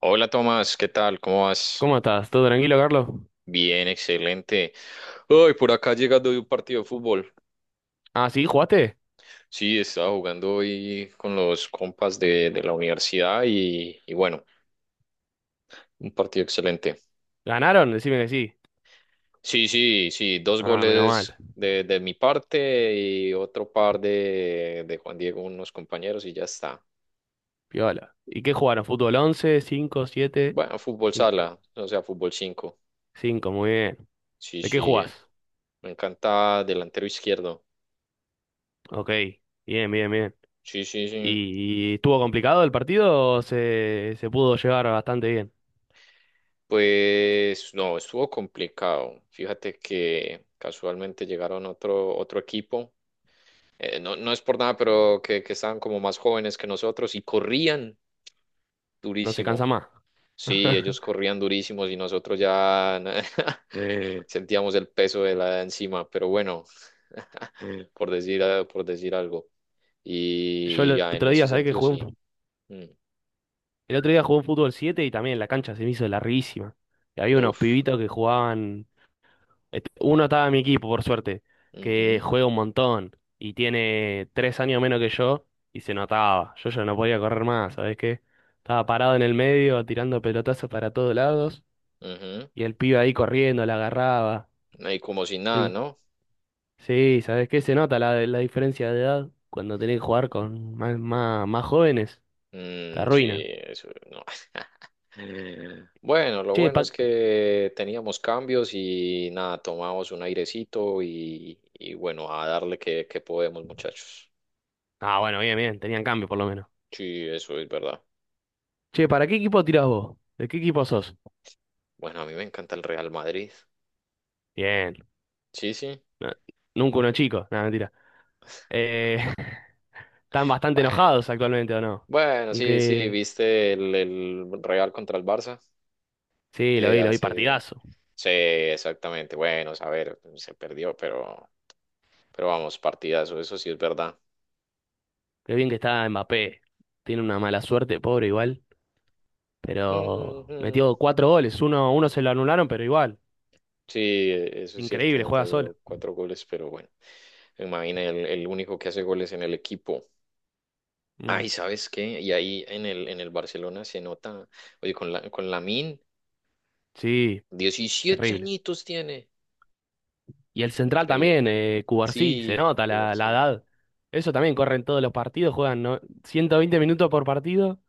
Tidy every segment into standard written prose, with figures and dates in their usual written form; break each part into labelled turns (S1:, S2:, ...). S1: Hola Tomás, ¿qué tal? ¿Cómo vas?
S2: ¿Cómo estás? ¿Todo tranquilo, Carlos?
S1: Bien, excelente. Hoy por acá llegando de un partido de fútbol.
S2: Ah, ¿sí? ¿Jugaste?
S1: Sí, estaba jugando hoy con los compas de la universidad y bueno, un partido excelente.
S2: ¿Ganaron? Decime que sí.
S1: Sí, sí, sí, dos
S2: Ah, menos
S1: goles
S2: mal.
S1: de mi parte y otro par de Juan Diego, unos compañeros y ya está.
S2: Piola. ¿Y qué jugaron? ¿Fútbol 11, 5, 7,
S1: Bueno, fútbol sala, o sea, fútbol 5.
S2: 5, muy bien.
S1: Sí,
S2: ¿De qué
S1: sí,
S2: jugás?
S1: me encanta delantero izquierdo.
S2: Ok. Bien, bien, bien.
S1: Sí, sí, sí.
S2: ¿Y estuvo complicado el partido o se pudo llevar bastante bien?
S1: Pues no, estuvo complicado. Fíjate que casualmente llegaron otro equipo. No, no es por nada, pero que estaban como más jóvenes que nosotros y corrían
S2: No se cansa
S1: durísimo.
S2: más.
S1: Sí, ellos corrían durísimos y nosotros ya sentíamos el peso de la encima, pero bueno, por decir algo.
S2: Yo el
S1: Y ya en
S2: otro
S1: ese
S2: día, ¿sabés que
S1: sentido
S2: jugué
S1: sí. Mm.
S2: el otro día jugué un fútbol 7 y también la cancha se me hizo larguísima. Y había unos
S1: Uf.
S2: pibitos que jugaban. Este, uno estaba en mi equipo, por suerte, que
S1: Ujú,
S2: juega un montón y tiene tres años menos que yo y se notaba. Yo ya no podía correr más, ¿sabes qué? Estaba parado en el medio tirando pelotazos para todos lados
S1: ujú.
S2: y el pibe ahí corriendo, la agarraba.
S1: Y como si nada,
S2: Sí,
S1: ¿no?
S2: sí, ¿sabes qué? Se nota la diferencia de edad cuando tenés que jugar con más, más, más jóvenes. Te
S1: Mm, sí,
S2: arruinan.
S1: eso no. Bueno, lo
S2: Che,
S1: bueno
S2: pa...
S1: es que teníamos cambios y nada, tomamos un airecito y bueno, a darle que podemos, muchachos.
S2: Ah, bueno, bien, bien, tenían cambio por lo menos.
S1: Sí, eso es verdad.
S2: Che, ¿para qué equipo tirás vos? ¿De qué equipo sos?
S1: Bueno, a mí me encanta el Real Madrid.
S2: Bien.
S1: Sí, sí.
S2: No, nunca uno chico. Nada, mentira. Eh, están bastante
S1: Bueno,
S2: enojados actualmente, ¿o no?
S1: bueno, sí, sí,
S2: Aunque
S1: viste el Real contra el Barça.
S2: sí,
S1: Eh,
S2: lo vi
S1: hace...
S2: partidazo.
S1: Sí, exactamente. Bueno, a ver, se perdió, pero vamos, partidazo, eso sí es verdad.
S2: Qué bien que está Mbappé. Tiene una mala suerte, pobre igual. Pero metió
S1: Ujú.
S2: cuatro goles. Uno, uno se lo anularon, pero igual.
S1: Sí, eso es cierto,
S2: Increíble, juega solo.
S1: metió cuatro goles, pero bueno, imagina el único que hace goles en el equipo.
S2: Mm,
S1: Ay, ¿sabes qué? Y ahí en el Barcelona se nota, oye, con Lamine,
S2: sí,
S1: diecisiete
S2: terrible.
S1: añitos tiene.
S2: Y el central
S1: Increíble.
S2: también, Cubarsí, se
S1: Sí,
S2: nota la
S1: Sí.
S2: edad. Eso también corre en todos los partidos, juegan, ¿no?, 120 minutos por partido,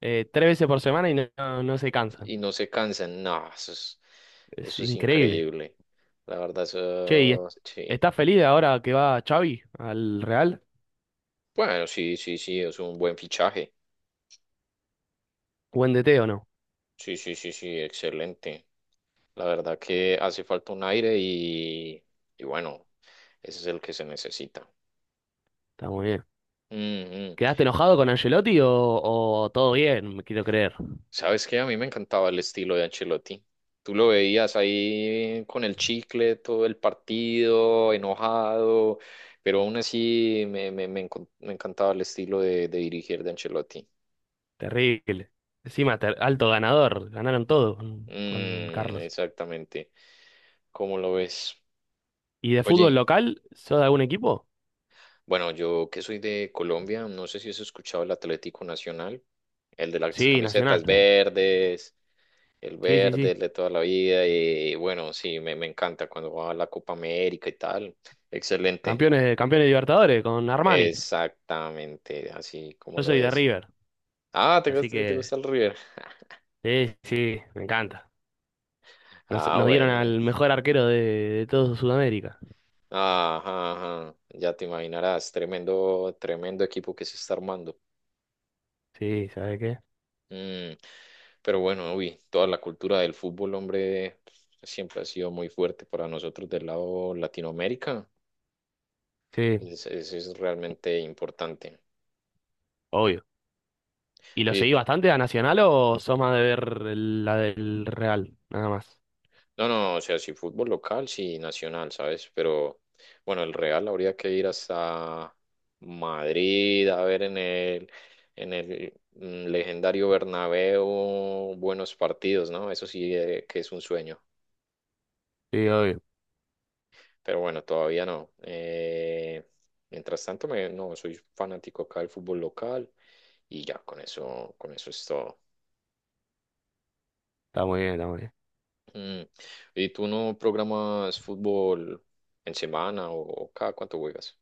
S2: tres veces por semana y no, no se cansan.
S1: Y no se cansan, no, eso es,
S2: Es
S1: eso es
S2: increíble.
S1: increíble. La verdad,
S2: Che,
S1: eso, sí.
S2: ¿estás feliz de ahora que va Xavi al Real?
S1: Bueno, sí, sí, sí, es un buen fichaje.
S2: ¿Buen DT o no?
S1: Sí, sí, sí, sí, excelente. La verdad que hace falta un aire y bueno, ese es el que se necesita.
S2: Está muy bien.
S1: Ujú.
S2: ¿Quedaste enojado con Ancelotti o todo bien? Me quiero creer.
S1: ¿Sabes qué? A mí me encantaba el estilo de Ancelotti. Tú lo veías ahí con el chicle todo el partido, enojado, pero aún así me encantaba el estilo de dirigir de Ancelotti.
S2: Terrible. Encima, alto ganador. Ganaron todo con
S1: Mm,
S2: Carlos.
S1: exactamente. ¿Cómo lo ves?
S2: ¿Y de fútbol
S1: Oye,
S2: local? ¿Sos de algún equipo?
S1: bueno, yo que soy de Colombia, no sé si has escuchado el Atlético Nacional, el de las
S2: Sí, Nacional.
S1: camisetas verdes, el
S2: Sí, sí,
S1: verde, el
S2: sí.
S1: de toda la vida, y bueno, sí, me encanta cuando va a la Copa América y tal. Excelente.
S2: Campeones, campeones de Libertadores con Armani.
S1: Exactamente, así como
S2: Yo
S1: lo
S2: soy de
S1: ves.
S2: River.
S1: Ah, ¿te
S2: Así
S1: gusta, te
S2: que,
S1: gusta el River?
S2: sí, sí, me encanta. Nos,
S1: Ah,
S2: nos dieron
S1: bueno.
S2: al mejor arquero de todo Sudamérica.
S1: Ajá, ajá. Ya te imaginarás, tremendo, tremendo equipo que se está armando.
S2: Sí, ¿sabes qué?
S1: Mm, pero bueno, uy, toda la cultura del fútbol, hombre, siempre ha sido muy fuerte para nosotros del lado Latinoamérica.
S2: Sí.
S1: Es realmente importante.
S2: Obvio. ¿Y lo
S1: Oye,
S2: seguís bastante a Nacional o sos más de ver la del Real? Nada más.
S1: no, no, o sea, sí fútbol local, sí nacional, ¿sabes? Pero bueno, el Real habría que ir hasta Madrid a ver en el legendario Bernabéu buenos partidos, ¿no? Eso sí, que es un sueño.
S2: Sí, obvio.
S1: Pero bueno, todavía no. Mientras tanto, no, soy fanático acá del fútbol local y ya, con eso es todo.
S2: Está muy bien, está muy bien.
S1: Mm. ¿Y tú no programas fútbol en semana o cada cuánto juegas?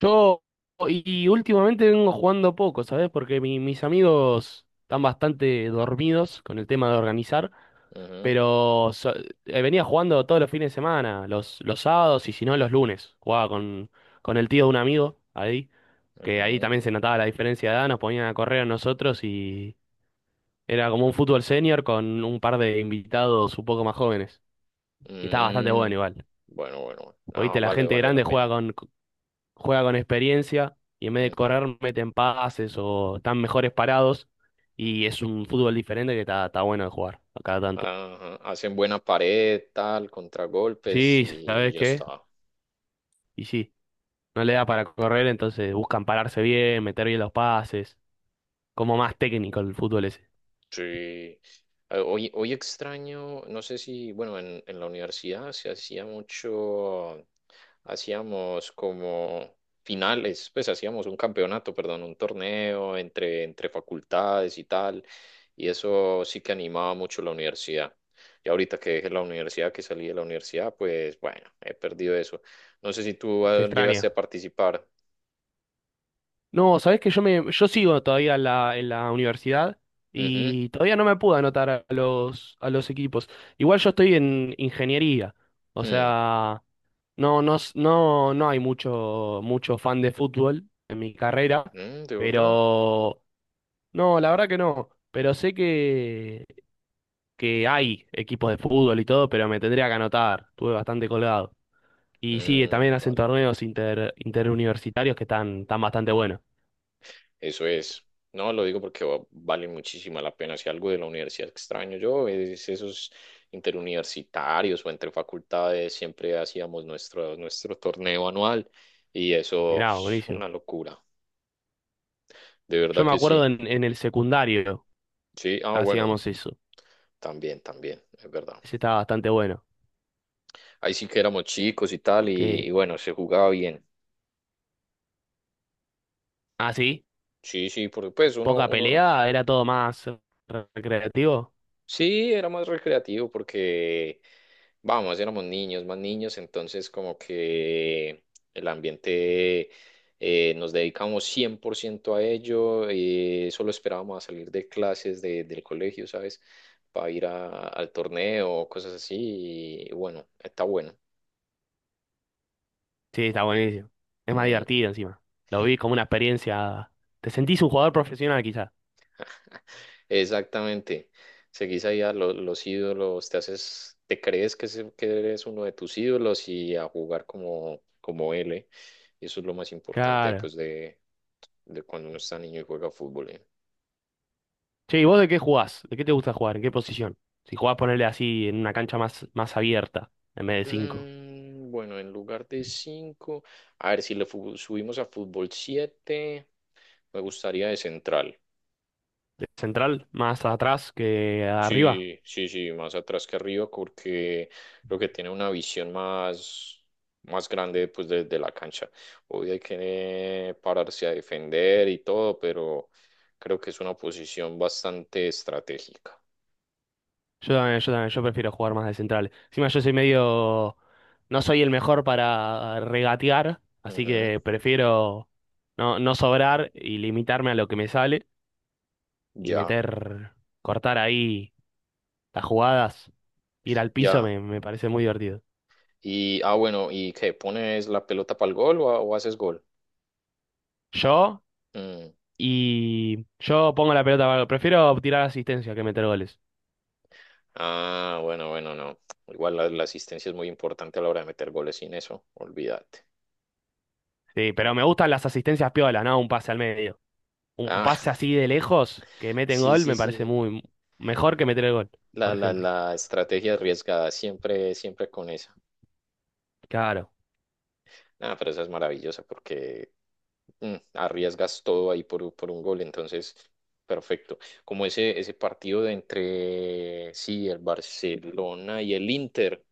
S2: Yo, y últimamente vengo jugando poco, ¿sabes? Porque mis amigos están bastante dormidos con el tema de organizar,
S1: Ujú,
S2: pero venía jugando todos los fines de semana, los sábados y si no los lunes. Jugaba con el tío de un amigo ahí, que ahí
S1: ujú.
S2: también se notaba la diferencia de edad, nos ponían a correr a nosotros y era como un fútbol senior con un par de invitados un poco más jóvenes. Y está bastante
S1: Mm,
S2: bueno igual.
S1: bueno, bueno, bueno. Ah,
S2: Oíste, la
S1: vale,
S2: gente
S1: vale la
S2: grande
S1: pena.
S2: juega con experiencia y en vez de
S1: Ujú.
S2: correr meten pases o están mejores parados. Y es un fútbol diferente que está, está bueno de jugar a cada tanto.
S1: Ajá, hacen buena pared, tal, contragolpes
S2: Sí,
S1: y
S2: ¿sabes
S1: ya
S2: qué?
S1: está.
S2: Y sí, no le da para correr, entonces buscan pararse bien, meter bien los pases. Como más técnico el fútbol ese.
S1: Sí. Hoy extraño, no sé si, bueno, en la universidad se hacía mucho, hacíamos como finales, pues hacíamos un campeonato, perdón, un torneo entre facultades y tal, y eso sí que animaba mucho la universidad. Y ahorita que dejé la universidad, que salí de la universidad, pues bueno, he perdido eso. No sé si tú
S2: Se
S1: llegaste
S2: extraña.
S1: a participar.
S2: No, sabés que yo sigo todavía en la universidad
S1: Ujú.
S2: y todavía no me pude anotar a los equipos. Igual yo estoy en ingeniería, o
S1: Mm,
S2: sea, no, no hay mucho, mucho fan de fútbol en mi carrera,
S1: mm, ¿de verdad?
S2: pero no, la verdad que no. Pero sé que hay equipos de fútbol y todo, pero me tendría que anotar. Estuve bastante colgado. Y sí, también
S1: Mm,
S2: hacen
S1: vale.
S2: torneos interuniversitarios que están, están bastante buenos.
S1: Eso es. No, lo digo porque vale muchísima la pena. Si algo de la universidad extraño yo, es esos interuniversitarios o entre facultades, siempre hacíamos nuestro torneo anual y eso
S2: Mirá,
S1: es
S2: buenísimo.
S1: una locura. De
S2: Yo
S1: verdad
S2: me
S1: que
S2: acuerdo
S1: sí.
S2: en el secundario
S1: Sí, ah, bueno,
S2: hacíamos eso.
S1: también, también, es verdad.
S2: Ese estaba bastante bueno.
S1: Ahí sí que éramos chicos y tal y
S2: Que,
S1: bueno, se jugaba bien.
S2: ah, sí,
S1: Sí, sí, porque pues uno,
S2: poca
S1: uno
S2: pelea, era todo más recreativo.
S1: Sí, era más recreativo porque, vamos, éramos niños, más niños, entonces como que el ambiente nos dedicamos 100% a ello, solo esperábamos a salir de clases del colegio, ¿sabes? Para ir al torneo o cosas así, y bueno, está bueno.
S2: Sí, está buenísimo. Es más divertido encima. Lo vi como una experiencia. Te sentís un jugador profesional quizás.
S1: Exactamente. Seguís ahí a los ídolos, te haces, te crees que eres uno de tus ídolos y a jugar como él, ¿eh? Y eso es lo más importante,
S2: Claro.
S1: pues, de cuando uno está niño y juega fútbol, ¿eh?
S2: Che, ¿y vos de qué jugás? ¿De qué te gusta jugar? ¿En qué posición? Si jugás, ponerle así en una cancha más, más abierta, en vez de cinco.
S1: Mm, bueno, en lugar de 5, a ver si le subimos a fútbol 7. Me gustaría de central.
S2: ¿De central? ¿Más atrás que arriba?
S1: Sí, sí, sí, más atrás que arriba porque creo que tiene una visión más grande pues desde la cancha. Hoy hay que pararse a defender y todo, pero creo que es una posición bastante estratégica.
S2: Yo también, yo también, yo prefiero jugar más de central. Encima yo soy medio, no soy el mejor para regatear, así
S1: Ujú,
S2: que prefiero no, no sobrar y limitarme a lo que me sale y
S1: ya,
S2: meter, cortar ahí las jugadas, ir al piso
S1: ya.
S2: me parece muy divertido.
S1: Y, ah, bueno, ¿y qué? ¿Pones la pelota para el gol o haces gol?
S2: Yo
S1: Mm,
S2: y yo pongo la pelota, prefiero tirar asistencia que meter goles.
S1: ah, bueno, bueno, no. Igual la asistencia es muy importante a la hora de meter goles sin eso, olvídate.
S2: Sí, pero me gustan las asistencias piolas, ¿no? Un pase al medio. Un
S1: Ah,
S2: pase así de lejos que meten
S1: sí,
S2: gol
S1: sí,
S2: me parece
S1: sí.
S2: muy mejor que meter el gol,
S1: La,
S2: por
S1: la,
S2: ejemplo.
S1: la estrategia arriesgada, siempre, siempre con esa.
S2: Claro,
S1: Nada, pero esa es maravillosa porque arriesgas todo ahí por un gol, entonces, perfecto. Como ese partido sí, el Barcelona y el Inter,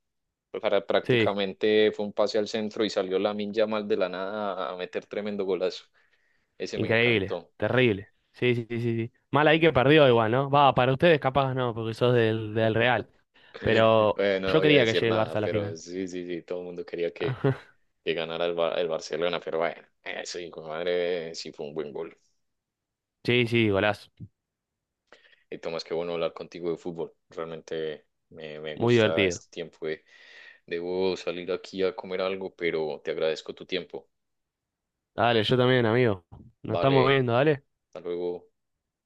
S1: pues,
S2: sí,
S1: prácticamente fue un pase al centro y salió Lamine mal de la nada a meter tremendo golazo. Ese me
S2: increíble,
S1: encantó.
S2: terrible. Sí, sí, sí, sí. Sí. Mal ahí que perdió igual, ¿no? Va, para ustedes capaz no, porque sos del, del Real. Pero
S1: Bueno, no
S2: yo
S1: voy a
S2: quería que
S1: decir
S2: llegue el Barça
S1: nada,
S2: a la final.
S1: pero sí, sí, sí, todo el mundo quería que, que ganara el Barcelona, pero bueno, eso hijo de madre sí fue un buen gol.
S2: Sí, sí, golazo.
S1: Y Tomás, qué bueno hablar contigo de fútbol. Realmente me
S2: Muy
S1: gusta
S2: divertido.
S1: este tiempo. Debo salir aquí a comer algo, pero te agradezco tu tiempo.
S2: Dale, yo también, amigo. Nos estamos
S1: Vale,
S2: viendo, dale.
S1: hasta luego.